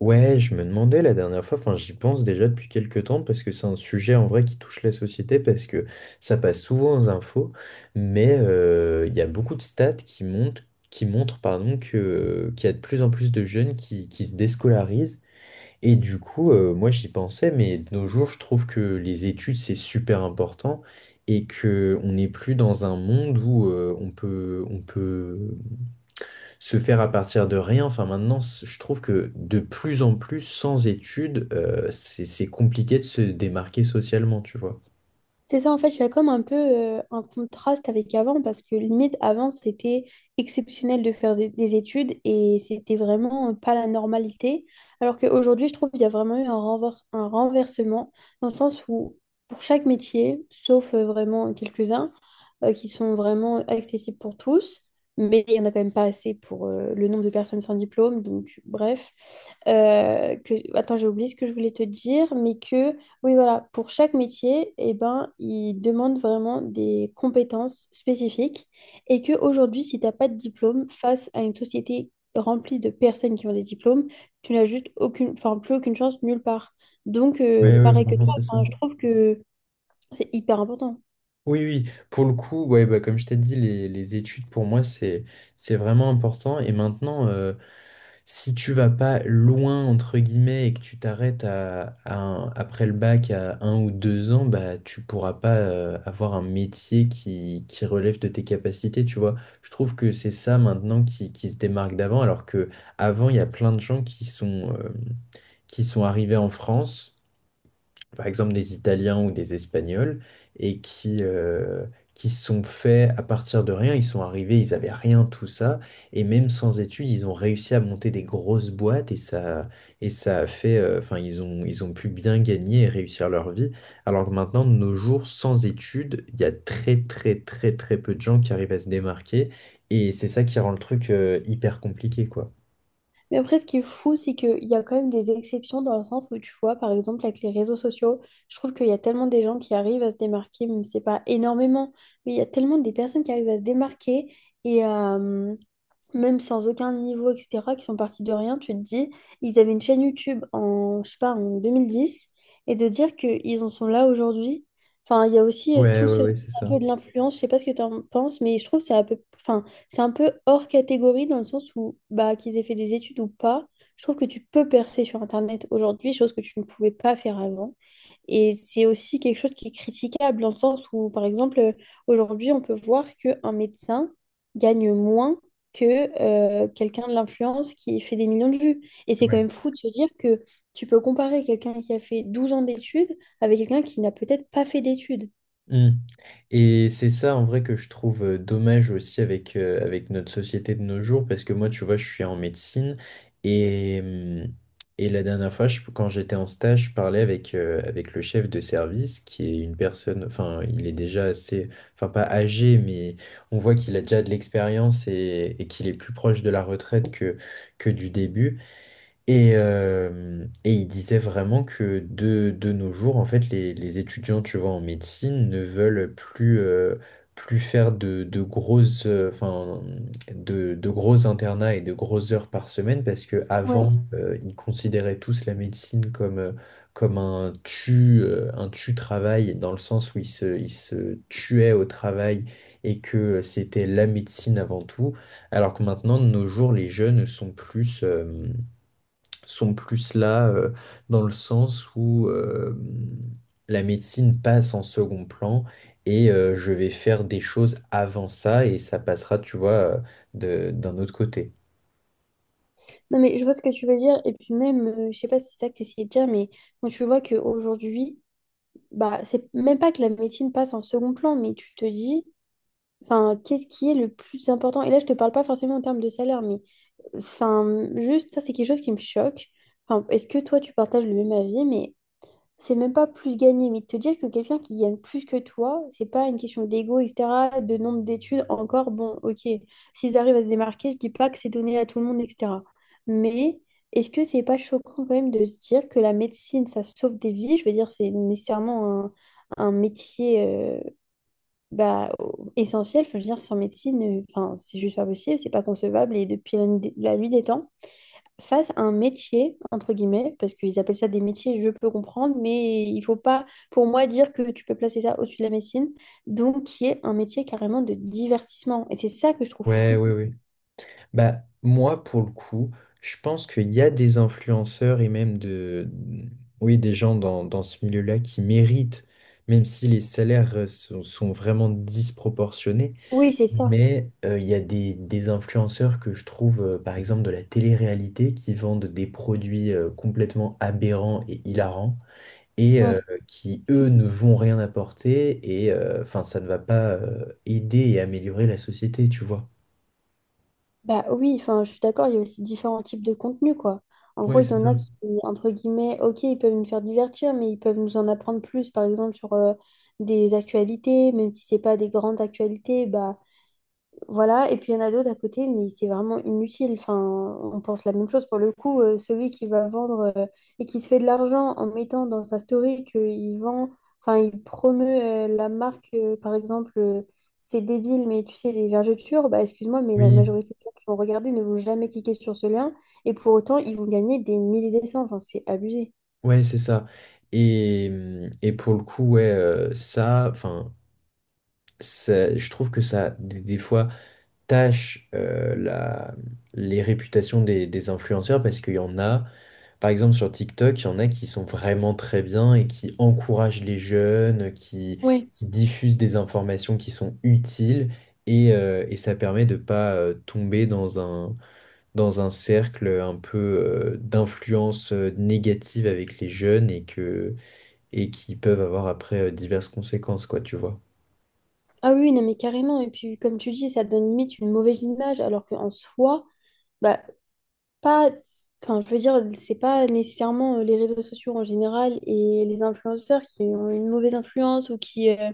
Ouais, je me demandais la dernière fois, enfin j'y pense déjà depuis quelques temps parce que c'est un sujet en vrai qui touche la société parce que ça passe souvent aux infos, mais il y a beaucoup de stats qui montrent, pardon, qu'il y a de plus en plus de jeunes qui se déscolarisent et du coup moi j'y pensais mais de nos jours je trouve que les études c'est super important et que on n'est plus dans un monde où on peut se faire à partir de rien. Enfin, maintenant, je trouve que de plus en plus, sans études, c'est compliqué de se démarquer socialement, tu vois. C'est ça, en fait, il y a comme un peu un contraste avec avant, parce que limite, avant, c'était exceptionnel de faire des études et c'était vraiment pas la normalité. Alors qu'aujourd'hui, je trouve qu'il y a vraiment eu un renversement, dans le sens où pour chaque métier, sauf vraiment quelques-uns qui sont vraiment accessibles pour tous, mais il n'y en a quand même pas assez pour le nombre de personnes sans diplôme, donc bref. Attends, j'ai oublié ce que je voulais te dire, mais Oui, voilà, pour chaque métier, eh ben, ils demandent vraiment des compétences spécifiques et que aujourd'hui, si tu n'as pas de diplôme face à une société remplie de personnes qui ont des diplômes, tu n'as juste aucune, enfin, plus aucune chance nulle part. Donc, Oui, oui, pareil que vraiment, toi, c'est ça. enfin, je trouve que c'est hyper important. Oui, oui, pour le coup, ouais, bah, comme je t'ai dit, les études pour moi, c'est vraiment important. Et maintenant, si tu vas pas loin, entre guillemets, et que tu t'arrêtes après le bac à un ou deux ans, bah, tu pourras pas avoir un métier qui relève de tes capacités, tu vois. Je trouve que c'est ça maintenant qui se démarque d'avant, alors que avant, il y a plein de gens qui sont arrivés en France, par exemple des Italiens ou des Espagnols, et qui qui se sont faits à partir de rien. Ils sont arrivés, ils avaient rien, tout ça, et même sans études, ils ont réussi à monter des grosses boîtes, et ça a fait, enfin, ils ont pu bien gagner et réussir leur vie. Alors que maintenant, de nos jours, sans études, il y a très, très, très, très peu de gens qui arrivent à se démarquer, et c'est ça qui rend le truc, hyper compliqué, quoi. Mais après, ce qui est fou, c'est qu'il y a quand même des exceptions dans le sens où tu vois, par exemple, avec les réseaux sociaux, je trouve qu'il y a tellement des gens qui arrivent à se démarquer, même si c'est pas énormément, mais il y a tellement des personnes qui arrivent à se démarquer et à, même sans aucun niveau, etc., qui sont partis de rien, tu te dis, ils avaient une chaîne YouTube en, je sais pas, en 2010 et de dire qu'ils en sont là aujourd'hui, enfin, il y a aussi Ouais, tout ouais, ce ouais, c'est un ça. peu de l'influence, je sais pas ce que tu en penses, mais je trouve que c'est un peu, enfin, c'est un peu hors catégorie dans le sens où, bah, qu'ils aient fait des études ou pas, je trouve que tu peux percer sur Internet aujourd'hui, chose que tu ne pouvais pas faire avant. Et c'est aussi quelque chose qui est critiquable dans le sens où, par exemple, aujourd'hui, on peut voir qu'un médecin gagne moins que quelqu'un de l'influence qui fait des millions de vues. Et c'est quand même fou de se dire que tu peux comparer quelqu'un qui a fait 12 ans d'études avec quelqu'un qui n'a peut-être pas fait d'études. Mm. Et c'est ça en vrai que je trouve dommage aussi avec, avec notre société de nos jours, parce que moi, tu vois, je suis en médecine et, hum, et la dernière fois, quand j'étais en stage, je parlais avec, avec le chef de service, qui est une personne, enfin, il est déjà assez, enfin, pas âgé, mais on voit qu'il a déjà de l'expérience et qu'il est plus proche de la retraite que du début. Et il disait vraiment que de nos jours, en fait, les étudiants, tu vois, en médecine ne veulent plus, plus faire de grosses, enfin, de gros internats et de grosses heures par semaine parce que Ouais. avant, ils considéraient tous la médecine comme, comme un un tu-travail dans le sens où ils se tuaient au travail et que c'était la médecine avant tout. Alors que maintenant, de nos jours, les jeunes sont plus là dans le sens où la médecine passe en second plan et je vais faire des choses avant ça et ça passera, tu vois, d'un autre côté. Non, mais je vois ce que tu veux dire. Et puis même, je sais pas si c'est ça que tu essayais de dire, mais quand tu vois qu'aujourd'hui, bah, c'est même pas que la médecine passe en second plan, mais tu te dis, enfin, qu'est-ce qui est le plus important? Et là, je te parle pas forcément en termes de salaire, mais enfin, juste ça, c'est quelque chose qui me choque. Enfin, est-ce que toi, tu partages le même avis, mais c'est même pas plus gagner, mais de te dire que quelqu'un qui gagne plus que toi, c'est pas une question d'ego, etc., de nombre d'études, encore, bon, ok, s'ils arrivent à se démarquer, je dis pas que c'est donné à tout le monde, etc. Mais est-ce que c'est pas choquant quand même de se dire que la médecine, ça sauve des vies? Je veux dire, c'est nécessairement un métier bah, essentiel. Enfin, je veux dire, sans médecine, enfin, c'est juste pas possible, c'est pas concevable, et depuis la nuit des temps fassent un métier, entre guillemets, parce qu'ils appellent ça des métiers, je peux comprendre, mais il faut pas, pour moi, dire que tu peux placer ça au-dessus de la médecine, donc qui est un métier carrément de divertissement. Et c'est ça que je trouve Ouais, fou. ouais, ouais. Bah, moi, pour le coup, je pense qu'il y a des influenceurs et même de, oui, des gens dans, dans ce milieu-là qui méritent, même si les salaires sont, sont vraiment disproportionnés. Oui, c'est ça. Mais il y a des influenceurs que je trouve, par exemple, de la télé-réalité, qui vendent des produits complètement aberrants et hilarants, et Ouais. qui, eux, ne vont rien apporter, et enfin, ça ne va pas aider et améliorer la société, tu vois. Bah oui, enfin, je suis d'accord, il y a aussi différents types de contenus, quoi. En gros, Oui, il c'est y en ça. a qui, entre guillemets, ok, ils peuvent nous faire divertir, mais ils peuvent nous en apprendre plus, par exemple, sur des actualités, même si c'est pas des grandes actualités, bah voilà, et puis il y en a d'autres à côté, mais c'est vraiment inutile. Enfin, on pense la même chose pour le coup. Celui qui va vendre et qui se fait de l'argent en mettant dans sa story qu'il vend, enfin, il promeut la marque, par exemple, c'est débile, mais tu sais, des vergetures, bah excuse-moi, mais la Oui, majorité des gens qui vont regarder ne vont jamais cliquer sur ce lien, et pour autant, ils vont gagner des milliers de cents. Enfin, c'est abusé. ouais, c'est ça. Et pour le coup, ouais, ça, enfin, je trouve que ça, des fois, tâche la, les réputations des influenceurs, parce qu'il y en a. Par exemple, sur TikTok, il y en a qui sont vraiment très bien et qui encouragent les jeunes, Oui. qui diffusent des informations qui sont utiles et ça permet de pas tomber dans un cercle un peu d'influence négative avec les jeunes et qui peuvent avoir après diverses conséquences, quoi, tu vois. Ah oui, non, mais carrément. Et puis, comme tu dis, ça donne limite une mauvaise image, alors qu'en soi, bah, pas, enfin, je veux dire, c'est pas nécessairement les réseaux sociaux en général et les influenceurs qui ont une mauvaise influence ou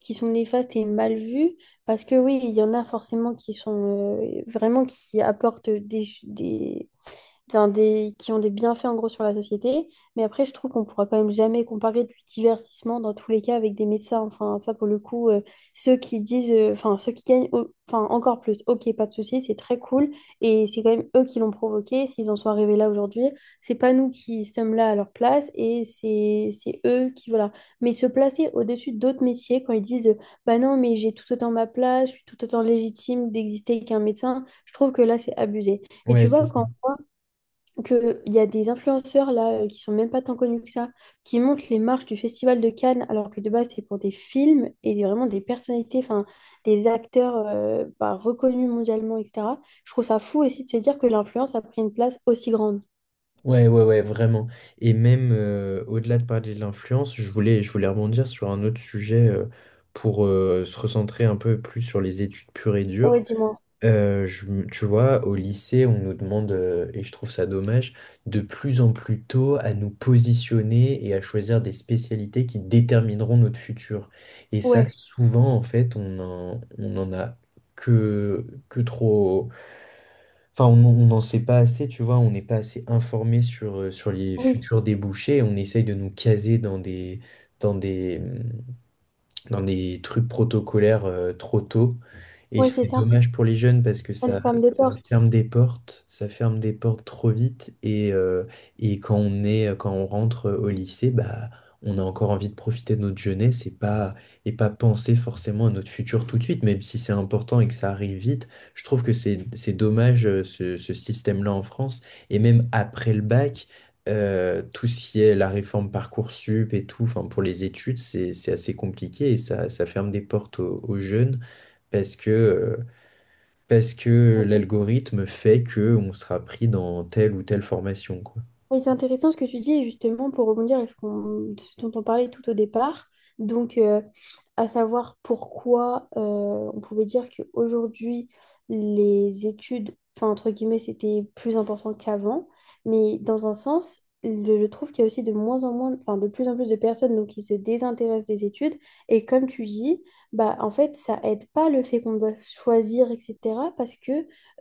qui sont néfastes et mal vus. Parce que oui, il y en a forcément qui sont vraiment qui apportent des, enfin, des, qui ont des bienfaits en gros sur la société. Mais après, je trouve qu'on pourra quand même jamais comparer du divertissement dans tous les cas avec des médecins. Enfin, ça pour le coup, ceux qui disent, enfin, ceux qui gagnent au- enfin, encore plus, ok, pas de souci, c'est très cool. Et c'est quand même eux qui l'ont provoqué. S'ils en sont arrivés là aujourd'hui, c'est pas nous qui sommes là à leur place et c'est eux qui, voilà. Mais se placer au-dessus d'autres métiers quand ils disent, bah non, mais j'ai tout autant ma place, je suis tout autant légitime d'exister qu'un médecin, je trouve que là, c'est abusé. Et tu Ouais, c'est vois, ça. quand qu'il y a des influenceurs là qui sont même pas tant connus que ça, qui montent les marches du Festival de Cannes, alors que de base c'est pour des films vraiment des personnalités, enfin des acteurs bah, reconnus mondialement, etc. Je trouve ça fou aussi de se dire que l'influence a pris une place aussi grande. Ouais, ouais, ouais, vraiment. Et même au-delà de parler de l'influence, je voulais rebondir sur un autre sujet pour se recentrer un peu plus sur les études pures et Ouais, dures. dis-moi. Tu vois, au lycée, on nous demande, et je trouve ça dommage, de plus en plus tôt à nous positionner et à choisir des spécialités qui détermineront notre futur. Et ça, Ouais, souvent, en fait, on en a que trop. Enfin, on n'en sait pas assez, tu vois, on n'est pas assez informé sur, sur les oui, futurs débouchés. On essaye de nous caser dans des, dans des, dans des trucs protocolaires trop tôt. Et ouais, c'est c'est ça. dommage pour les jeunes parce que Ça ça, nous ferme des ça portes. ferme des portes, ça ferme des portes trop vite. Et quand quand on rentre au lycée, bah, on a encore envie de profiter de notre jeunesse et pas penser forcément à notre futur tout de suite, même si c'est important et que ça arrive vite. Je trouve que c'est dommage ce, ce système-là en France. Et même après le bac. Tout ce qui est la réforme Parcoursup et tout, enfin pour les études, c'est assez compliqué et ça ferme des portes aux, aux jeunes parce que, euh, parce que l'algorithme fait que on sera pris dans telle ou telle formation, quoi. Oui, c'est intéressant ce que tu dis, et justement, pour rebondir avec ce qu'on, ce dont on parlait tout au départ, donc à savoir pourquoi on pouvait dire qu'aujourd'hui, les études, enfin, entre guillemets, c'était plus important qu'avant, mais dans un sens, je trouve qu'il y a aussi de moins en moins, enfin, de plus en plus de personnes donc, qui se désintéressent des études, et comme tu dis, bah, en fait, ça aide pas le fait qu'on doit choisir, etc., parce que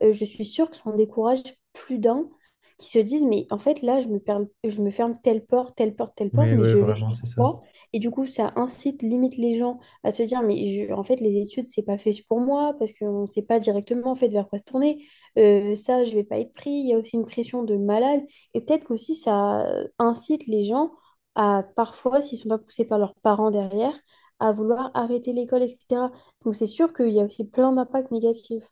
je suis sûre que ça en décourage plus d'un qui se disent, mais en fait, là, je me ferme telle porte, telle porte, telle porte, Ouais, mais ouais, je vais vraiment, faire c'est ça. quoi? Et du coup, ça incite, limite les gens à se dire, mais en fait, les études, c'est pas fait pour moi, parce qu'on ne sait pas directement, en fait, vers quoi se tourner. Ça, je vais pas être pris. Il y a aussi une pression de malade. Et peut-être qu'aussi, ça incite les gens à, parfois, s'ils sont pas poussés par leurs parents derrière, à vouloir arrêter l'école, etc. Donc, c'est sûr qu'il y a aussi plein d'impacts négatifs.